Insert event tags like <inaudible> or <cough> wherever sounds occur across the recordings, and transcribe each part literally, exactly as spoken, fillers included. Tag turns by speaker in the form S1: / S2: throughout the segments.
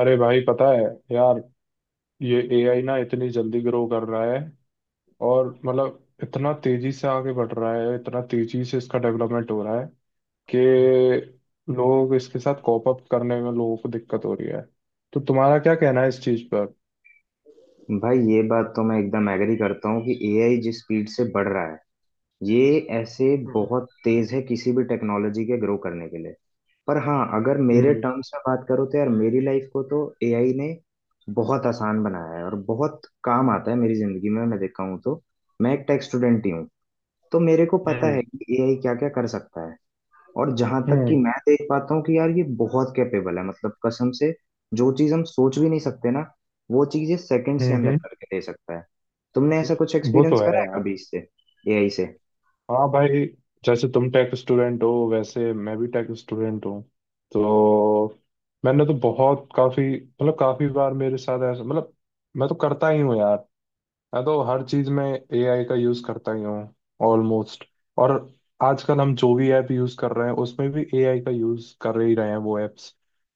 S1: अरे भाई, पता है यार, ये ए आई ना इतनी जल्दी ग्रो कर रहा है। और मतलब इतना तेजी से आगे बढ़ रहा है, इतना तेजी से इसका डेवलपमेंट हो रहा है कि लोग इसके साथ कॉप अप करने में लोगों को दिक्कत हो रही है। तो तुम्हारा क्या कहना है इस चीज पर?
S2: भाई ये बात तो मैं एकदम एग्री करता हूँ कि एआई जिस स्पीड से बढ़ रहा है। ये ऐसे
S1: हम्म।
S2: बहुत तेज है किसी भी टेक्नोलॉजी के ग्रो करने के लिए। पर हाँ, अगर मेरे
S1: हम्म।
S2: टर्म्स में बात करो तो यार, मेरी लाइफ को तो एआई ने बहुत आसान बनाया है और बहुत काम आता है मेरी जिंदगी में, मैं देखा हूँ तो। मैं एक टेक स्टूडेंट ही हूँ, तो मेरे को पता
S1: हम्म।
S2: है कि एआई क्या क्या कर सकता है। और जहां तक कि
S1: हम्म।
S2: मैं देख पाता हूँ कि यार ये बहुत कैपेबल है, मतलब कसम से। जो चीज हम सोच भी नहीं सकते ना, वो चीज ये सेकंड्स के
S1: हम्म,
S2: अंदर
S1: हम्म,
S2: करके दे सकता है। तुमने ऐसा कुछ
S1: वो
S2: एक्सपीरियंस
S1: तो है।
S2: करा है कभी इससे, एआई से?
S1: हाँ भाई, जैसे तुम टेक स्टूडेंट हो, वैसे मैं भी टेक स्टूडेंट हूँ। तो मैंने तो बहुत काफी मतलब काफी बार मेरे साथ ऐसा, मतलब मैं तो करता ही हूँ यार, मैं तो हर चीज में एआई का यूज करता ही हूँ ऑलमोस्ट। और आजकल हम जो भी ऐप यूज कर रहे हैं, उसमें भी एआई का यूज कर ही रहे हैं वो एप्स।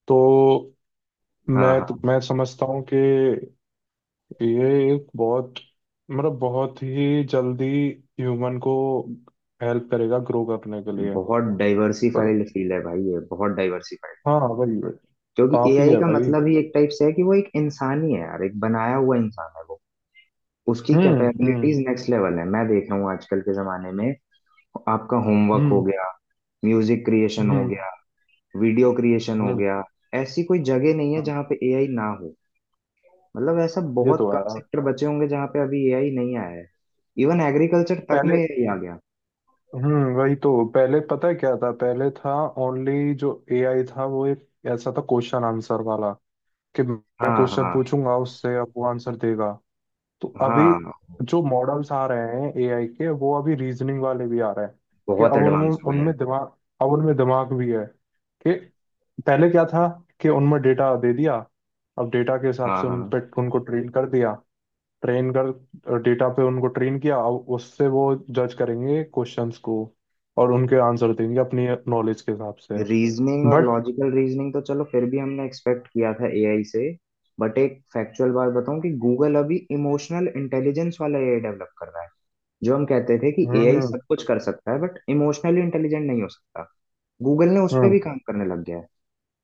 S1: तो
S2: हाँ
S1: मैं तो
S2: हाँ।
S1: मैं समझता हूँ कि ये एक बहुत, मतलब बहुत ही जल्दी ह्यूमन को हेल्प करेगा ग्रो करने के लिए।
S2: बहुत
S1: पर
S2: डाइवर्सिफाइड फील्ड है भाई, ये बहुत डाइवर्सिफाइड।
S1: हाँ, वही वही।
S2: क्योंकि
S1: काफी
S2: एआई
S1: है
S2: का
S1: भाई।
S2: मतलब ही एक टाइप से है कि वो एक इंसान ही है यार, एक बनाया हुआ इंसान है वो। उसकी
S1: हम्म।
S2: कैपेबिलिटीज
S1: हम्म।
S2: नेक्स्ट लेवल है, मैं देख रहा हूँ आजकल के जमाने में। आपका होमवर्क हो
S1: हम्म।
S2: गया, म्यूजिक क्रिएशन हो
S1: हम्म।
S2: गया, वीडियो क्रिएशन हो
S1: हम्म।
S2: गया। ऐसी कोई जगह नहीं है
S1: हम्म,
S2: जहाँ पे एआई ना हो। मतलब ऐसा
S1: ये
S2: बहुत
S1: तो है
S2: कम
S1: यार।
S2: सेक्टर बचे होंगे जहाँ पे अभी एआई नहीं आया है। इवन एग्रीकल्चर तक
S1: पहले...
S2: में एआई आ गया।
S1: हम्म वही तो, पहले पता है क्या था, पहले था ओनली जो एआई था वो एक ऐसा था, क्वेश्चन आंसर वाला। कि मैं
S2: हाँ
S1: क्वेश्चन
S2: हाँ
S1: पूछूंगा उससे, अब वो आंसर देगा। तो अभी
S2: हाँ।
S1: जो मॉडल्स आ रहे हैं एआई के, वो अभी रीजनिंग वाले भी आ रहे हैं। कि
S2: बहुत
S1: अब उनमें
S2: एडवांस हो गया है।
S1: उनमें दिमाग, अब उनमें दिमाग भी है। कि पहले क्या था, कि उनमें डेटा दे दिया, अब डेटा के हिसाब
S2: हाँ
S1: से उन
S2: हाँ।
S1: पे उनको ट्रेन कर दिया। ट्रेन कर डेटा पे उनको ट्रेन किया, अब उससे वो जज करेंगे क्वेश्चंस को और उनके आंसर देंगे अपनी नॉलेज के हिसाब से।
S2: रीजनिंग और
S1: बट...
S2: लॉजिकल रीजनिंग तो चलो फिर भी हमने एक्सपेक्ट किया था एआई से। बट एक फैक्चुअल बात बताऊं, कि गूगल अभी इमोशनल इंटेलिजेंस वाला एआई डेवलप कर रहा है। जो हम कहते थे कि एआई
S1: हम्म।
S2: सब कुछ कर सकता है बट इमोशनली इंटेलिजेंट नहीं हो सकता, गूगल ने उस पर
S1: हम्म।
S2: भी काम करने लग गया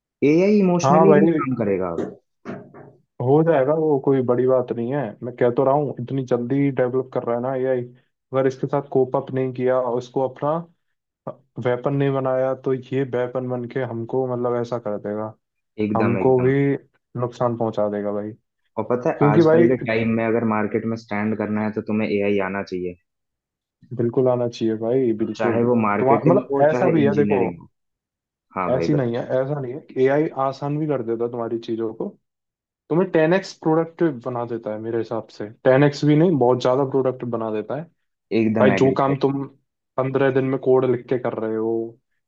S2: है। एआई
S1: हाँ
S2: इमोशनली भी
S1: भाई,
S2: काम करेगा।
S1: हो जाएगा वो, कोई बड़ी बात नहीं है। मैं कह तो रहा हूँ इतनी जल्दी डेवलप कर रहा है ना एआई। अगर इसके साथ कोप अप नहीं किया और इसको अपना वेपन नहीं बनाया, तो ये वेपन बन के हमको, मतलब ऐसा कर देगा,
S2: एकदम
S1: हमको भी
S2: एकदम।
S1: नुकसान पहुंचा देगा भाई।
S2: और पता है
S1: क्योंकि भाई,
S2: आजकल के टाइम में अगर मार्केट में स्टैंड करना है तो तुम्हें एआई आना चाहिए।
S1: बिल्कुल आना चाहिए भाई, बिल्कुल।
S2: चाहे वो
S1: तुम्हारा
S2: मार्केटिंग
S1: मतलब
S2: हो
S1: ऐसा
S2: चाहे
S1: भी है, देखो,
S2: इंजीनियरिंग हो। हाँ भाई
S1: ऐसी नहीं है,
S2: बताओ।
S1: ऐसा नहीं है कि एआई आसान भी कर देता है तुम्हारी चीजों को, तुम्हें टेन एक्स प्रोडक्टिव बना देता है। मेरे हिसाब से टेन एक्स भी नहीं, बहुत ज्यादा प्रोडक्टिव बना देता है।
S2: एकदम
S1: भाई, जो
S2: एग्री भाई।
S1: काम तुम पंद्रह दिन में कोड लिख के कर रहे हो,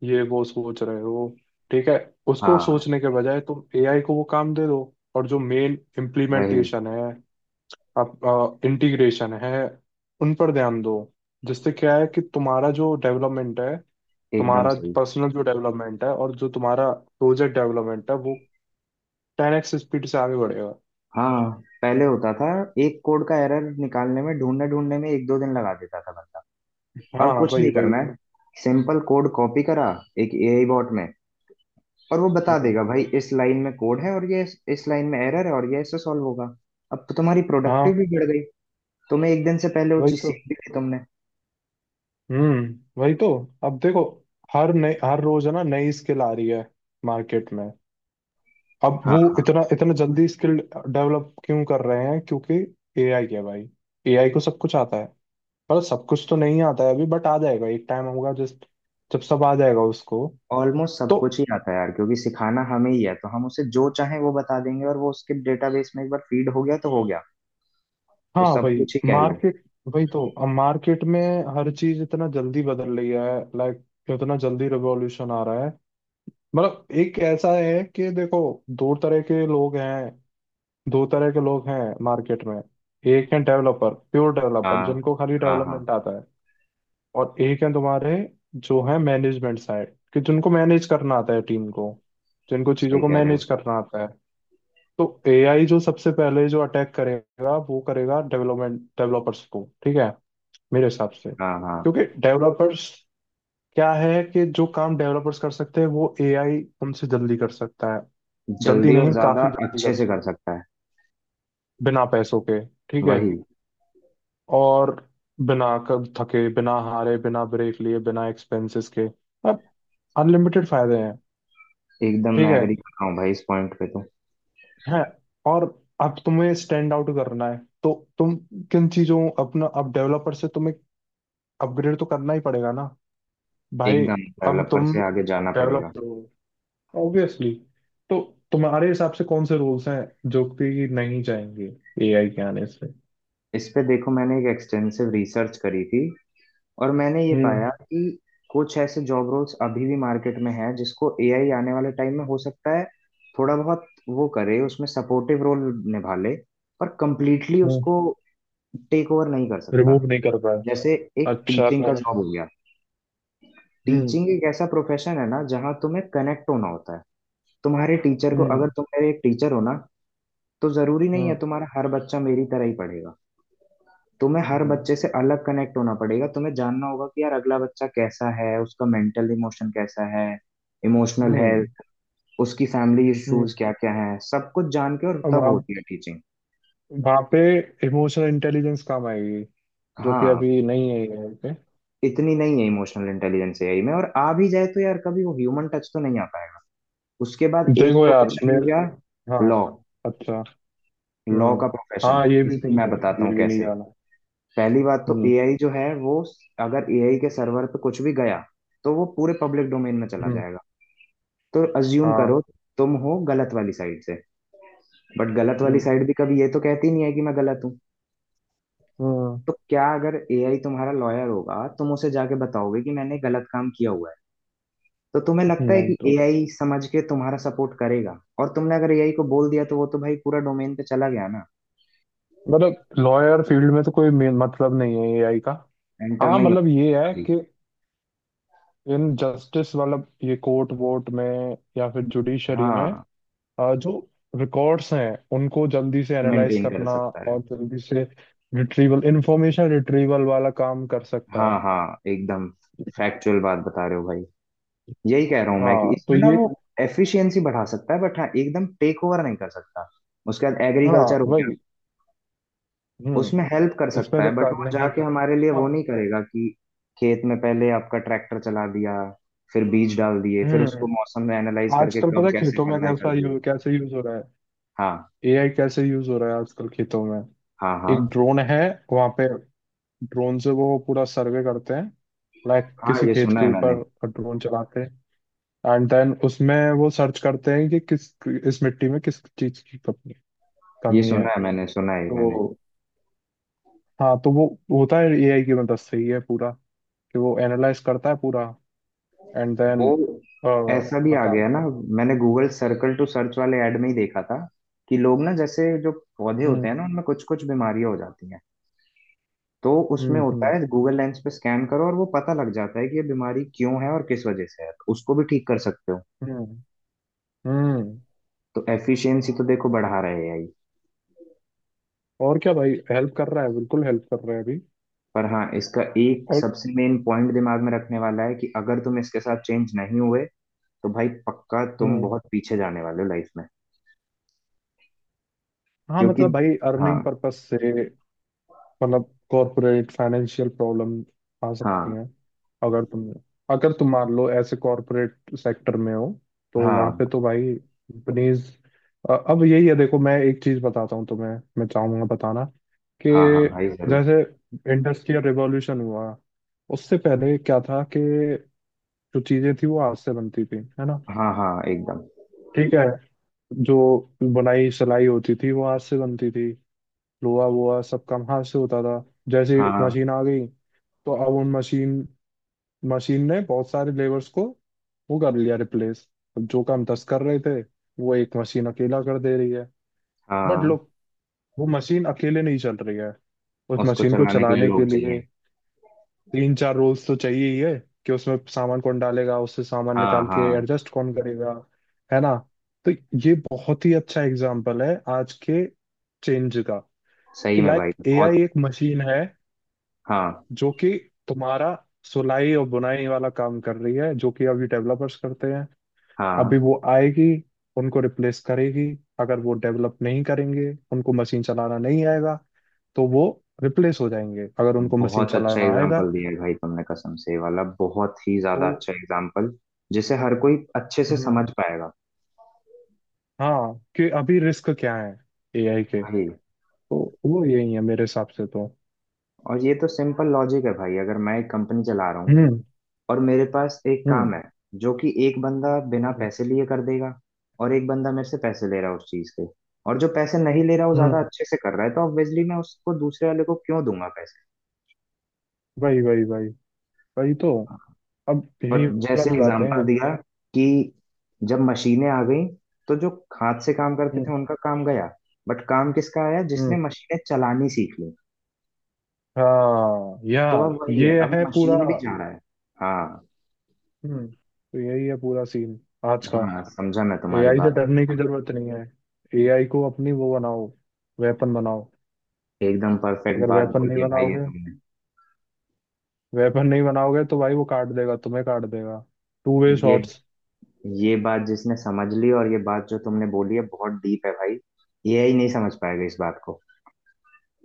S1: ये वो सोच रहे हो, ठीक है? उसको
S2: हाँ
S1: सोचने के बजाय तुम एआई को वो काम दे दो। और जो मेन
S2: वही।
S1: इम्प्लीमेंटेशन है, आप इंटीग्रेशन है, उन पर ध्यान दो। जिससे क्या है कि तुम्हारा जो डेवलपमेंट है,
S2: एकदम
S1: तुम्हारा
S2: सही।
S1: पर्सनल जो डेवलपमेंट है, और जो तुम्हारा प्रोजेक्ट डेवलपमेंट है, वो टेन एक्स स्पीड से आगे बढ़ेगा।
S2: हाँ, पहले होता था एक कोड का एरर निकालने में, ढूंढने ढूंढने में एक दो दिन लगा देता था बंदा।
S1: हाँ
S2: अब
S1: हाँ,
S2: कुछ
S1: वही
S2: नहीं
S1: वही।
S2: करना है, सिंपल कोड कॉपी करा एक एआई बॉट में, और वो बता
S1: हम्म।
S2: देगा भाई इस लाइन में कोड है और ये इस, इस लाइन में एरर है और ये ऐसे सॉल्व होगा। अब तो तुम्हारी
S1: हाँ
S2: प्रोडक्टिव भी बढ़ गई। तुम्हें एक दिन से पहले वो
S1: वही
S2: चीज
S1: तो।
S2: सीख भी ली तुमने।
S1: हम्म, वही तो। अब देखो, हर नई... हर रोज है ना, नई स्किल आ रही है मार्केट में। अब वो
S2: हाँ हाँ।
S1: इतना इतना जल्दी स्किल डेवलप क्यों कर रहे हैं? क्योंकि एआई है भाई, एआई को सब कुछ आता है। पर सब कुछ तो नहीं आता है अभी, बट आ जाएगा। एक टाइम होगा, जस्ट जब सब आ जाएगा उसको।
S2: ऑलमोस्ट सब
S1: तो
S2: कुछ ही आता है यार, क्योंकि सिखाना हमें ही है तो हम उसे जो चाहे वो बता देंगे और वो उसके डेटाबेस में एक बार फीड हो गया तो हो गया। तो
S1: हाँ
S2: सब
S1: भाई।
S2: कुछ ही कह लो।
S1: मार्केट... वही तो, अब मार्केट में हर चीज इतना जल्दी बदल रही है, लाइक इतना जल्दी रिवॉल्यूशन आ रहा है। मतलब एक ऐसा है कि देखो, दो तरह के लोग हैं, दो तरह के लोग हैं मार्केट में। एक है डेवलपर, प्योर डेवलपर
S2: हाँ
S1: जिनको खाली
S2: हाँ हाँ।
S1: डेवलपमेंट आता है। और एक है तुम्हारे, जो है मैनेजमेंट साइड, कि जिनको मैनेज करना आता है टीम को, जिनको चीजों
S2: सही
S1: को
S2: कह रहे हो।
S1: मैनेज करना आता है। तो एआई जो सबसे पहले जो अटैक करेगा, वो करेगा डेवलपमेंट... डेवलपर्स को, ठीक है, मेरे हिसाब से।
S2: हाँ हाँ।
S1: क्योंकि डेवलपर्स क्या है, कि जो काम डेवलपर्स कर सकते हैं वो एआई उनसे जल्दी कर सकता है। जल्दी
S2: जल्दी और
S1: नहीं, काफी
S2: ज्यादा
S1: जल्दी
S2: अच्छे
S1: कर
S2: से
S1: सकता,
S2: कर सकता है।
S1: बिना पैसों के, ठीक है।
S2: वही।
S1: और बिना कब थके, बिना हारे, बिना ब्रेक लिए, बिना एक्सपेंसेस के। अब अनलिमिटेड फायदे हैं।
S2: एकदम
S1: ठीक
S2: मैं
S1: है,
S2: एग्री कर रहा हूँ भाई इस पॉइंट पे तो।
S1: हैं। और अब तुम्हें स्टैंड आउट करना है। तो तुम किन चीजों... अपना, अब डेवलपर से तुम्हें अपग्रेड तो करना ही पड़ेगा ना भाई।
S2: एकदम
S1: अब
S2: डेवलपर
S1: तुम
S2: से आगे जाना पड़ेगा।
S1: डेवलपर हो ऑब्वियसली, तो तुम्हारे हिसाब से कौन से रूल्स हैं जो कि नहीं जाएंगे एआई के आने से?
S2: इस पे देखो मैंने एक एक्सटेंसिव रिसर्च करी थी, और मैंने ये
S1: हम्म।
S2: पाया कि कुछ ऐसे जॉब रोल्स अभी भी मार्केट में हैं जिसको एआई आने वाले टाइम में हो सकता है थोड़ा बहुत वो करे, उसमें सपोर्टिव रोल निभा ले, पर कंप्लीटली
S1: हम्म।
S2: उसको टेक ओवर नहीं कर सकता।
S1: रिमूव नहीं कर पाए।
S2: जैसे, एक
S1: अच्छा,
S2: टीचिंग का
S1: कौन?
S2: जॉब हो गया।
S1: हम्म।
S2: टीचिंग एक ऐसा प्रोफेशन है ना जहाँ तुम्हें कनेक्ट होना होता है। तुम्हारे टीचर को,
S1: हम्म।
S2: अगर तुम मेरे एक टीचर हो ना, तो जरूरी नहीं है
S1: हम्म।
S2: तुम्हारा हर बच्चा मेरी तरह ही पढ़ेगा। तुम्हें हर
S1: हम्म।
S2: बच्चे से अलग कनेक्ट होना पड़ेगा, तुम्हें जानना होगा कि यार अगला बच्चा कैसा है, उसका मेंटल इमोशन कैसा है, इमोशनल
S1: हम्म।
S2: हेल्थ, उसकी फैमिली
S1: हम्म।
S2: इश्यूज क्या क्या हैं, सब कुछ जान के और
S1: अब
S2: तब
S1: वहाँ
S2: होती है टीचिंग।
S1: वहाँ पे इमोशनल इंटेलिजेंस काम आएगी, जो कि
S2: हाँ।
S1: अभी नहीं है यहाँ पे।
S2: इतनी नहीं है इमोशनल इंटेलिजेंस एआई में, और आ भी जाए तो यार कभी वो ह्यूमन टच तो नहीं आ पाएगा। उसके बाद एक
S1: देखो यार
S2: प्रोफेशन हो
S1: मेरे...
S2: गया,
S1: हाँ,
S2: लॉ।
S1: अच्छा।
S2: लॉ
S1: हम्म।
S2: का प्रोफेशन,
S1: हाँ, ये भी
S2: इसकी
S1: नहीं,
S2: मैं बताता हूँ
S1: ये भी नहीं
S2: कैसे।
S1: जाना।
S2: पहली बात, तो
S1: हम्म।
S2: एआई जो है वो, अगर एआई के सर्वर पे कुछ भी गया तो वो पूरे पब्लिक डोमेन में चला
S1: हम्म।
S2: जाएगा। तो अज्यूम
S1: हाँ।
S2: करो, तुम हो गलत वाली साइड से। बट गलत वाली
S1: हम्म।
S2: साइड भी कभी ये तो कहती नहीं है कि मैं गलत हूँ।
S1: हम्म।
S2: तो क्या अगर एआई तुम्हारा लॉयर होगा, तुम उसे जाके बताओगे कि मैंने गलत काम किया हुआ है? तो तुम्हें लगता है
S1: नहीं
S2: कि
S1: तो,
S2: एआई समझ के तुम्हारा सपोर्ट करेगा, और तुमने अगर एआई को बोल दिया तो वो तो भाई पूरा डोमेन पे चला गया ना।
S1: मतलब लॉयर फील्ड में तो कोई मे- मतलब नहीं है एआई का।
S2: एंटर
S1: हाँ
S2: नहीं हो
S1: मतलब ये
S2: सकता
S1: है
S2: अभी।
S1: कि इन जस्टिस, मतलब ये कोर्ट वोट में, या फिर जुडिशरी में
S2: हाँ,
S1: अ, जो रिकॉर्ड्स हैं उनको जल्दी से एनालाइज
S2: मेंटेन कर
S1: करना,
S2: सकता है।
S1: और जल्दी से रिट्रीवल इंफॉर्मेशन रिट्रीवल वाला काम कर सकता
S2: हाँ
S1: है।
S2: हाँ एकदम, फैक्चुअल बात बता रहे हो भाई। यही कह रहा हूं मैं कि
S1: हाँ तो
S2: इसमें ना
S1: ये,
S2: वो एफिशिएंसी बढ़ा सकता है, बट हाँ एकदम टेक ओवर नहीं कर सकता। उसके बाद एग्रीकल्चर
S1: हाँ
S2: हो गया।
S1: वही।
S2: उसमें
S1: हम्म,
S2: हेल्प कर
S1: इसमें
S2: सकता
S1: तो
S2: है, बट
S1: काम
S2: वो
S1: नहीं
S2: जाके
S1: कर।
S2: हमारे लिए वो
S1: हाँ।
S2: नहीं करेगा कि खेत में पहले आपका ट्रैक्टर चला दिया, फिर बीज डाल दिए, फिर उसको
S1: हम्म।
S2: मौसम में एनालाइज करके
S1: आजकल पता
S2: कब
S1: है
S2: कैसे
S1: खेतों में
S2: करना है कर
S1: कैसा
S2: दिए।
S1: यू, कैसे यूज हो रहा है,
S2: हाँ
S1: एआई कैसे यूज हो रहा है आजकल खेतों में?
S2: हाँ।
S1: एक
S2: हाँ
S1: ड्रोन है वहां पे, ड्रोन से वो पूरा सर्वे करते हैं, लाइक
S2: हाँ,
S1: किसी
S2: ये
S1: खेत
S2: सुना
S1: के
S2: है मैंने।
S1: ऊपर ड्रोन चलाते हैं। एंड देन उसमें वो सर्च करते हैं कि किस इस मिट्टी में किस चीज की कमी,
S2: ये
S1: कमी है।
S2: सुना है मैंने, सुना है ये मैंने।
S1: तो हाँ, तो वो होता है एआई की मदद से ही है पूरा, कि वो एनालाइज करता है पूरा, एंड
S2: वो,
S1: देन
S2: ऐसा भी आ
S1: बता।
S2: गया ना। मैंने गूगल सर्कल टू सर्च वाले ऐड में ही देखा था, कि लोग ना, जैसे जो पौधे होते
S1: हम्म।
S2: हैं ना उनमें कुछ कुछ बीमारियां हो जाती हैं। तो उसमें
S1: हम्म।
S2: होता
S1: हम्म।
S2: है गूगल लेंस पे स्कैन करो और वो पता लग जाता है कि ये बीमारी क्यों है और किस वजह से है, तो उसको भी ठीक कर सकते हो।
S1: हम्म। हम्म।
S2: तो एफिशिएंसी तो देखो बढ़ा रहे हैं ही।
S1: और क्या भाई, हेल्प कर रहा है, बिल्कुल हेल्प कर रहा है अभी।
S2: पर हाँ, इसका एक
S1: और
S2: सबसे मेन पॉइंट दिमाग में रखने वाला है कि अगर तुम इसके साथ चेंज नहीं हुए तो भाई पक्का तुम
S1: हम्म।
S2: बहुत पीछे जाने वाले हो लाइफ में।
S1: हाँ
S2: क्योंकि,
S1: मतलब भाई, अर्निंग
S2: हाँ।
S1: पर्पस से, मतलब कॉरपोरेट फाइनेंशियल प्रॉब्लम आ सकती
S2: हाँ
S1: हैं। अगर तुम अगर तुम मान लो ऐसे कॉरपोरेट सेक्टर में हो, तो वहां
S2: हाँ।
S1: पे तो भाई कंपनीज... अब यही है, देखो मैं एक चीज बताता हूँ तुम्हें, मैं चाहूंगा बताना कि
S2: हाँ हाँ हाँ, भाई जरूर।
S1: जैसे इंडस्ट्रियल रिवॉल्यूशन हुआ, उससे पहले क्या था कि जो चीजें थी वो हाथ से बनती थी, है ना?
S2: हाँ हाँ एकदम।
S1: ठीक है। जो बुनाई सिलाई होती थी वो हाथ से बनती थी, लोहा वोहा सब काम हाथ से होता था। जैसे
S2: हाँ
S1: मशीन आ गई, तो अब उन मशीन मशीन ने बहुत सारे लेबर्स को वो कर लिया रिप्लेस। जो काम दस कर रहे थे, वो एक मशीन अकेला कर दे रही है। बट
S2: हाँ,
S1: लोग, वो मशीन अकेले नहीं चल रही है, उस
S2: उसको
S1: मशीन को
S2: चलाने के लिए
S1: चलाने के
S2: लोग चाहिए।
S1: लिए तीन चार रोल्स तो चाहिए ही है। कि उसमें सामान कौन डालेगा, उससे सामान
S2: हाँ
S1: निकाल के
S2: हाँ।
S1: एडजस्ट कौन करेगा, है ना? तो ये बहुत ही अच्छा एग्जाम्पल है आज के चेंज का,
S2: सही
S1: कि
S2: में
S1: लाइक
S2: भाई बहुत।
S1: एआई एक मशीन है
S2: हाँ
S1: जो कि तुम्हारा सिलाई और बुनाई वाला काम कर रही है, जो कि अभी डेवलपर्स करते हैं। अभी
S2: हाँ।
S1: वो आएगी, उनको रिप्लेस करेगी। अगर वो डेवलप नहीं करेंगे, उनको मशीन चलाना नहीं आएगा, तो वो रिप्लेस हो जाएंगे। अगर उनको मशीन
S2: बहुत अच्छा
S1: चलाना आएगा
S2: एग्जाम्पल दिया है भाई तुमने, कसम से ये वाला बहुत ही
S1: तो...
S2: ज्यादा अच्छा एग्जाम्पल। जिसे हर कोई अच्छे से
S1: हम्म,
S2: समझ पाएगा।
S1: हाँ, कि अभी रिस्क क्या है एआई के,
S2: भाई,
S1: तो वो यही है मेरे हिसाब से तो।
S2: और ये तो सिंपल लॉजिक है भाई। अगर मैं एक कंपनी चला रहा हूँ
S1: हम्म।
S2: और मेरे पास एक
S1: हम्म।
S2: काम है जो कि एक बंदा बिना
S1: हम्म।
S2: पैसे लिए कर देगा, और एक बंदा मेरे से पैसे ले रहा है उस चीज के, और जो पैसे नहीं ले रहा वो ज्यादा
S1: हम्म,
S2: अच्छे से कर रहा है, तो ऑब्वियसली मैं उसको, दूसरे वाले को क्यों दूंगा पैसे?
S1: वही वही वही। वही तो, अब यही
S2: और जैसे
S1: वाली बातें हैं।
S2: एग्जाम्पल दिया कि जब मशीनें आ गई, तो जो हाथ से काम करते थे
S1: हम्म।
S2: उनका काम गया, बट काम किसका आया? जिसने
S1: हम्म।
S2: मशीनें चलानी सीख ली।
S1: हाँ या।
S2: तो अब वही है,
S1: ये
S2: अब
S1: है पूरा।
S2: मशीन भी जा रहा है। हाँ,
S1: हम्म तो यही है पूरा सीन आज का।
S2: हाँ समझा मैं तुम्हारी
S1: एआई से
S2: बात।
S1: डरने की जरूरत नहीं है, एआई को अपनी वो बनाओ, वेपन बनाओ।
S2: एकदम परफेक्ट
S1: अगर
S2: बात
S1: वेपन नहीं
S2: बोली है भाई ये
S1: बनाओगे,
S2: तुमने।
S1: वेपन नहीं बनाओगे तो भाई, वो काट देगा, तुम्हें काट देगा। टू वे
S2: ये
S1: शॉट्स।
S2: ये बात जिसने समझ ली, और ये बात जो तुमने बोली है बहुत डीप है भाई। एआई नहीं समझ पाएगा इस बात को।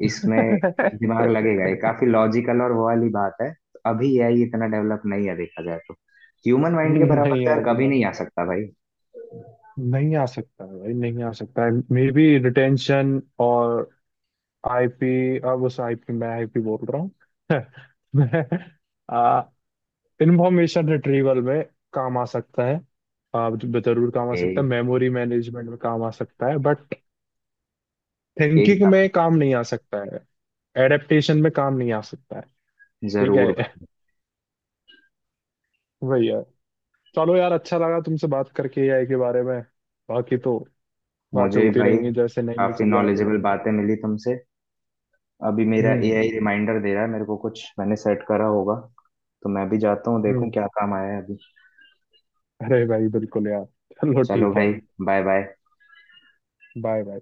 S1: <laughs>
S2: इसमें दिमाग लगेगा, ये काफी लॉजिकल और वो वाली बात है, तो अभी एआई इतना डेवलप नहीं है देखा जाए तो। ह्यूमन माइंड के बराबर
S1: नहीं
S2: तो
S1: है
S2: यार
S1: अभी
S2: कभी
S1: भाई,
S2: नहीं आ सकता भाई।
S1: नहीं आ सकता है भाई, नहीं आ सकता है। मे बी रिटेंशन और आई पी, अब उस आईपी... मैं आईपी बोल रहा हूँ <laughs> मैं इंफॉर्मेशन रिट्रीवल में काम आ सकता है। आप ज- जरूर काम आ
S2: ए,
S1: सकता है, मेमोरी मैनेजमेंट में काम आ सकता है। बट थिंकिंग
S2: एकदम।
S1: में काम नहीं आ सकता है, एडेप्टेशन में काम नहीं आ सकता है। ठीक
S2: जरूर
S1: है
S2: भाई।
S1: <laughs> वही है। चलो यार, अच्छा लगा तुमसे बात करके एआई के बारे में। बाकी तो बातें
S2: मुझे भी
S1: होती
S2: भाई
S1: रहेंगी, जैसे नई नई
S2: काफी
S1: चीजें आती
S2: नॉलेजेबल
S1: रहेंगी।
S2: बातें मिली तुमसे। अभी मेरा
S1: हम्म।
S2: एआई रिमाइंडर दे रहा है मेरे को, कुछ मैंने सेट करा होगा। तो मैं भी जाता हूँ देखूं
S1: हम्म।
S2: क्या काम आया है अभी।
S1: अरे भाई, बिल्कुल यार। चलो,
S2: चलो
S1: ठीक है।
S2: भाई, बाय बाय।
S1: Bye bye.